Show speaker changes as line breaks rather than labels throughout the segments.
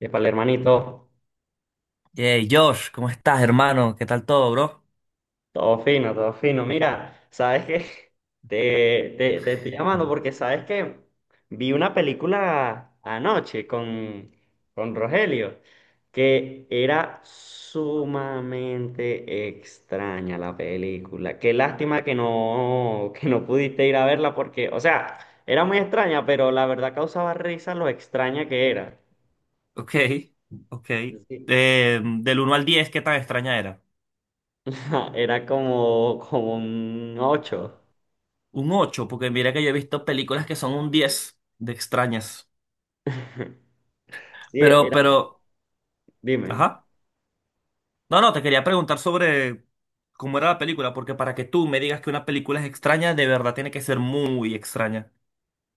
Y para el hermanito,
Hey, Josh, ¿cómo estás, hermano? ¿Qué tal todo, bro?
todo fino, todo fino. Mira, ¿sabes qué? Te estoy llamando porque sabes que vi una película anoche con Rogelio que era sumamente extraña la película. Qué lástima que no, que no pudiste ir a verla porque, o sea, era muy extraña, pero la verdad causaba risa lo extraña que era.
Ok, ok.
Sí.
Del uno al 10, ¿qué tan extraña era?
Era como un ocho.
Un 8, porque mira que yo he visto películas que son un 10 de extrañas.
Sí,
Pero, pero,
dime.
ajá. No, no, te quería preguntar sobre cómo era la película, porque para que tú me digas que una película es extraña, de verdad tiene que ser muy extraña.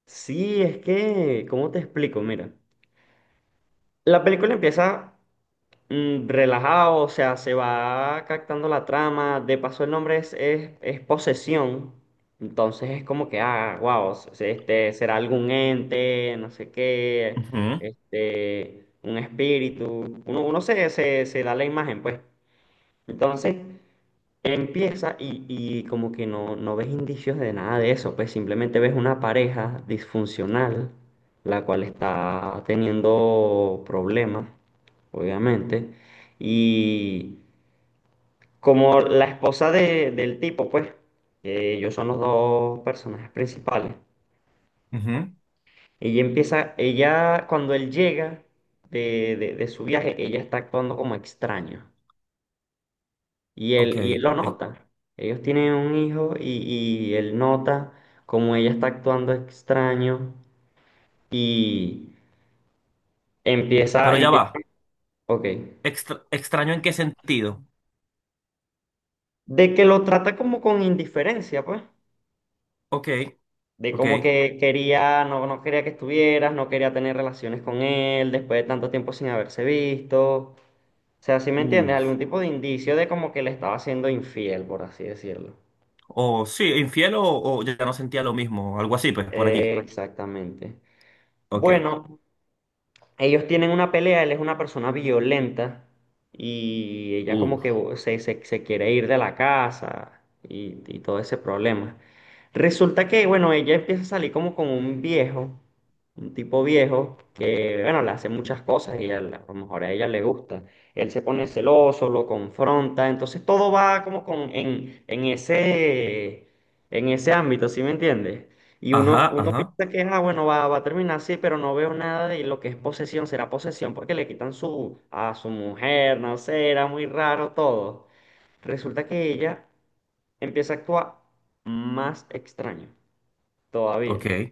Sí, es que, ¿cómo te explico? Mira, la película empieza relajado, o sea, se va captando la trama, de paso el nombre es posesión, entonces es como que, ah, wow, este, será algún ente, no sé qué,
Ujú,
este, un espíritu, uno se da la imagen, pues. Entonces, empieza y como que no ves indicios de nada de eso, pues simplemente ves una pareja disfuncional, la cual está teniendo problemas, obviamente, y como la esposa del tipo, pues, que ellos son los dos personajes principales,
ujú.
ella empieza, ella cuando él llega de, de su viaje, ella está actuando como extraño. Y
Ok,
él, y él lo nota. Ellos tienen un hijo y él nota como ella está actuando extraño y empieza,
pero ya
empieza,
va.
ok,
Extra- ¿extraño en qué sentido?
de que lo trata como con indiferencia, pues,
Ok,
de
ok.
como que quería, no, no quería que estuvieras, no quería tener relaciones con él después de tanto tiempo sin haberse visto. O sea, ¿si me entiendes?
Uf.
Algún tipo de indicio de como que le estaba siendo infiel, por así decirlo.
O sí, infiel o ya no sentía lo mismo, algo así, pues por allí.
Exactamente.
Ok.
Bueno. Ellos tienen una pelea, él es una persona violenta y ella como que
Uf.
se quiere ir de la casa y todo ese problema. Resulta que, bueno, ella empieza a salir como con un viejo, un tipo viejo que, bueno, le hace muchas cosas y a, a lo mejor a ella le gusta. Él se pone celoso, lo confronta, entonces todo va como con, en ese ámbito, ¿sí me entiendes? Y uno,
Ajá,
uno
ajá.
piensa que, ah, bueno, va a terminar así, pero no veo nada de lo que es posesión. Será posesión porque le quitan a su mujer, no sé, era muy raro todo. Resulta que ella empieza a actuar más extraño todavía.
Ok.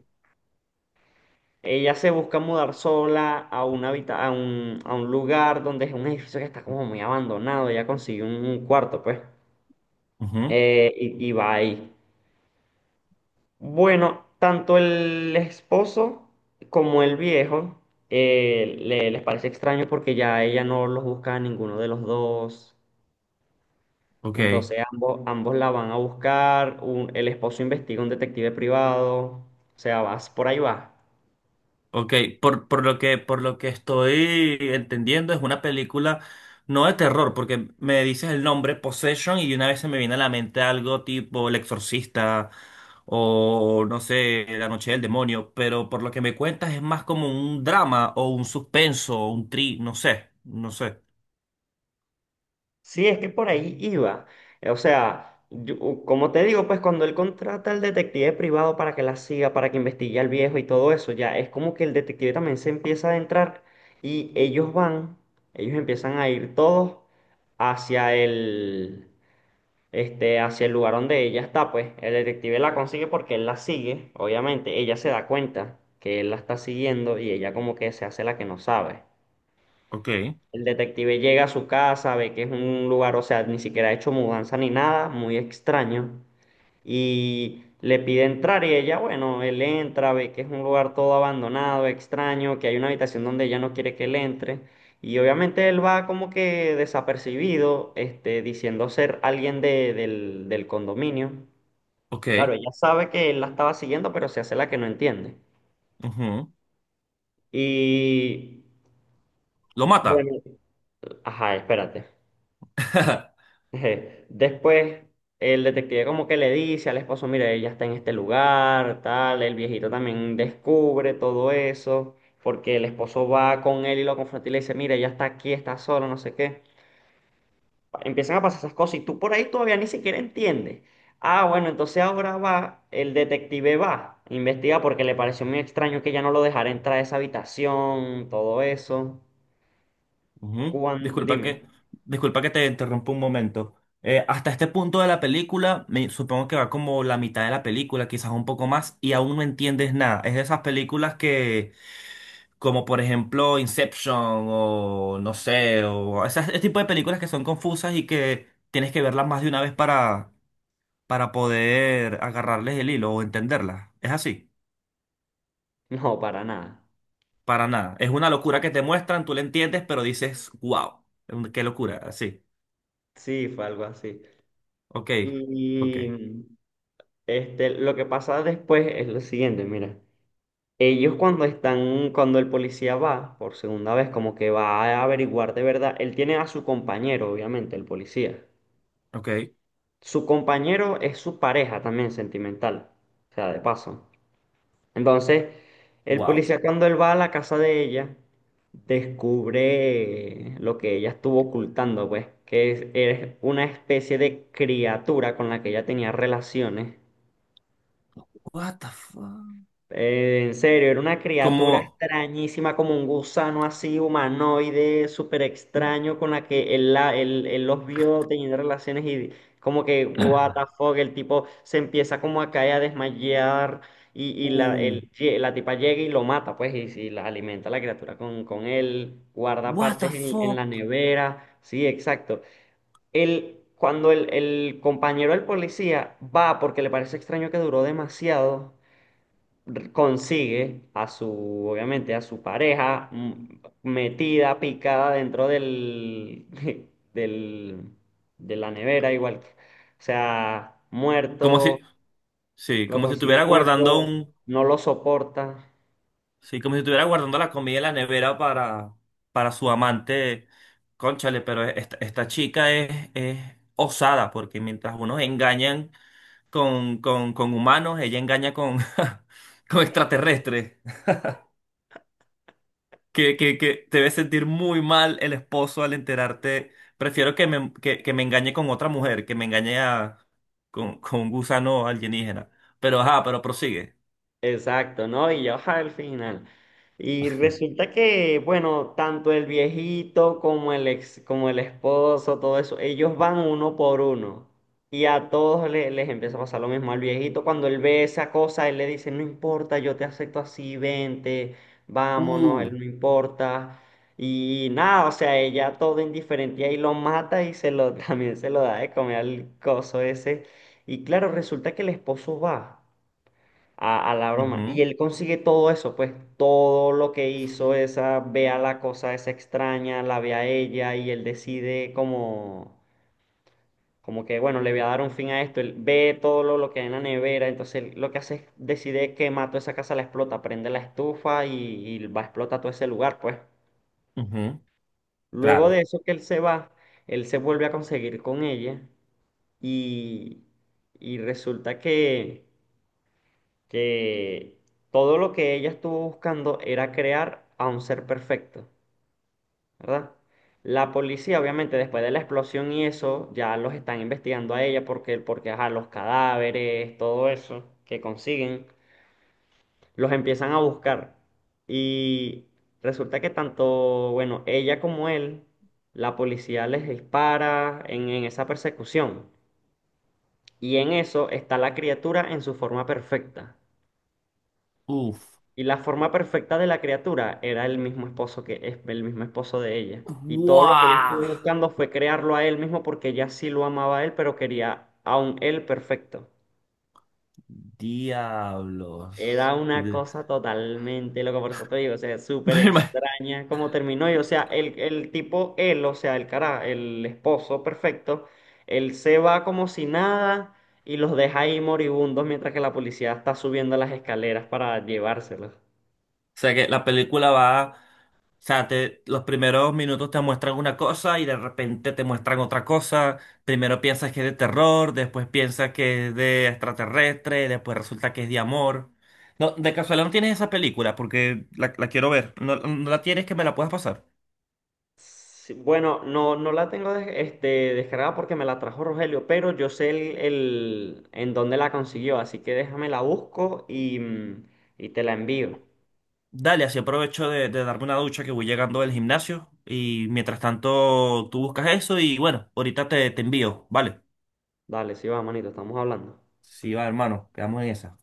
Ella se busca mudar sola a un, a un lugar donde es un edificio que está como muy abandonado. Ella consigue un cuarto, pues,
Ujú.
y va ahí. Bueno, tanto el esposo como el viejo les parece extraño porque ya ella no los busca a ninguno de los dos.
Ok.
Entonces ambos la van a buscar. El esposo investiga un detective privado. O sea, vas por ahí va.
Ok. Por lo que estoy entendiendo, es una película no de terror, porque me dices el nombre Possession y una vez se me viene a la mente algo tipo El Exorcista o no sé, La Noche del Demonio, pero por lo que me cuentas es más como un drama o un suspenso o un tri, no sé, no sé.
Sí, es que por ahí iba. O sea, como te digo, pues cuando él contrata al detective privado para que la siga, para que investigue al viejo y todo eso, ya es como que el detective también se empieza a adentrar y ellos van, ellos empiezan a ir todos hacia el, este, hacia el lugar donde ella está, pues el detective la consigue porque él la sigue, obviamente, ella se da cuenta que él la está siguiendo y ella como que se hace la que no sabe.
Ok.
El detective llega a su casa, ve que es un lugar, o sea, ni siquiera ha hecho mudanza ni nada, muy extraño. Y le pide entrar y ella, bueno, él entra, ve que es un lugar todo abandonado, extraño, que hay una habitación donde ella no quiere que él entre. Y obviamente él va como que desapercibido, este, diciendo ser alguien del condominio. Claro,
Ok.
ella sabe que él la estaba siguiendo, pero se hace la que no entiende. Y
Lo mata.
bueno, ajá, espérate. Eje, después el detective como que le dice al esposo, mire, ella está en este lugar, tal, el viejito también descubre todo eso, porque el esposo va con él y lo confronta y le dice, mire, ella está aquí, está solo no sé qué. Empiezan a pasar esas cosas y tú por ahí todavía ni siquiera entiendes. Ah, bueno, entonces ahora va, el detective va, investiga porque le pareció muy extraño que ya no lo dejara entrar a esa habitación, todo eso.
Ujú.
Dime,
Disculpa que te interrumpa un momento. Hasta este punto de la película, supongo que va como la mitad de la película, quizás un poco más, y aún no entiendes nada. Es de esas películas que, como por ejemplo Inception o no sé, o esas, ese tipo de películas que son confusas y que tienes que verlas más de una vez para poder agarrarles el hilo o entenderlas. Es así,
no, para nada.
para nada. Es una locura que te muestran, tú la entiendes, pero dices, wow, qué locura, así.
Sí, fue algo así.
Ok, ok,
Y este, lo que pasa después es lo siguiente, mira. Ellos cuando están, cuando el policía va por segunda vez, como que va a averiguar de verdad, él tiene a su compañero, obviamente, el policía.
ok.
Su compañero es su pareja también sentimental, o sea, de paso. Entonces, el
Wow.
policía cuando él va a la casa de ella, descubre lo que ella estuvo ocultando, pues, que es una especie de criatura con la que ella tenía relaciones.
What the fuck?
En serio, era una criatura
Como.
extrañísima, como un gusano así humanoide, súper extraño, con la que él, él los vio teniendo relaciones y como que, what the fuck, el tipo se empieza como a caer, a desmayar y la,
Uh,
la tipa llega y lo mata, pues, y la alimenta a la criatura con él, guarda
what the
partes en la
fuck?
nevera, sí, exacto. Él, cuando el compañero del policía va porque le parece extraño que duró demasiado consigue a su, obviamente, a su pareja metida, picada dentro del, del, de la nevera, igual. O sea,
Como si.
muerto,
Sí,
lo
como si
consigue
estuviera guardando
muerto,
un.
no lo soporta.
Sí, como si estuviera guardando la comida en la nevera para. Para su amante. Cónchale, pero esta chica es, osada, porque mientras unos engañan con humanos, ella engaña con, con extraterrestres. Que te debe sentir muy mal el esposo al enterarte. Prefiero que me engañe con otra mujer, que me engañe con un gusano alienígena. Pero ajá, pero prosigue.
Exacto, ¿no? Y ya baja al final. Y resulta que, bueno, tanto el viejito como el ex, como el esposo, todo eso, ellos van uno por uno. Y a todos les, empieza a pasar lo mismo. Al viejito, cuando él ve esa cosa, él le dice, no importa, yo te acepto así, vente, vámonos, él
Uh,
no importa. Y nada, o sea, ella todo indiferente y ahí lo mata y se lo, también se lo da de comer al coso ese. Y claro, resulta que el esposo va a la broma. Y
ujú,
él consigue todo eso, pues todo lo que hizo esa, ve a la cosa esa extraña, la ve a ella y él decide como, como que, bueno, le voy a dar un fin a esto. Él ve todo lo que hay en la nevera, entonces él lo que hace es decide que mató esa casa, la explota, prende la estufa y va a explotar todo ese lugar, pues.
ujú,
Luego de
claro.
eso que él se va, él se vuelve a conseguir con ella y, y resulta que todo lo que ella estuvo buscando era crear a un ser perfecto, ¿verdad? La policía, obviamente, después de la explosión y eso, ya los están investigando a ella porque ajá, los cadáveres, todo eso que consiguen, los empiezan a buscar. Y resulta que tanto, bueno, ella como él, la policía les dispara en esa persecución. Y en eso está la criatura en su forma perfecta.
Uf.
Y la forma perfecta de la criatura era el mismo esposo que es el mismo esposo de ella. Y todo lo que ella
¡Guau!
estuvo buscando fue crearlo a él mismo porque ella sí lo amaba a él, pero quería a un él perfecto.
Diablos.
Era una cosa totalmente loca, por eso te digo, o sea,
Me
súper
ima-
extraña cómo terminó. Y o sea, el tipo, él, o sea, el cara, el esposo perfecto, él se va como si nada y los deja ahí moribundos mientras que la policía está subiendo las escaleras para llevárselos.
O sea que la película va. O sea, los primeros minutos te muestran una cosa y de repente te muestran otra cosa. Primero piensas que es de terror, después piensas que es de extraterrestre, después resulta que es de amor. No, de casualidad no tienes esa película porque la quiero ver. No, no la tienes que me la puedas pasar.
Sí, bueno, no, no la tengo este, descargada porque me la trajo Rogelio, pero yo sé el, en dónde la consiguió, así que déjame la busco y, y te la envío.
Dale, así aprovecho de, darme una ducha que voy llegando del gimnasio y mientras tanto tú buscas eso y bueno, ahorita te envío, ¿vale?
Dale, sí va, manito, estamos hablando.
Sí, va, hermano, quedamos en esa.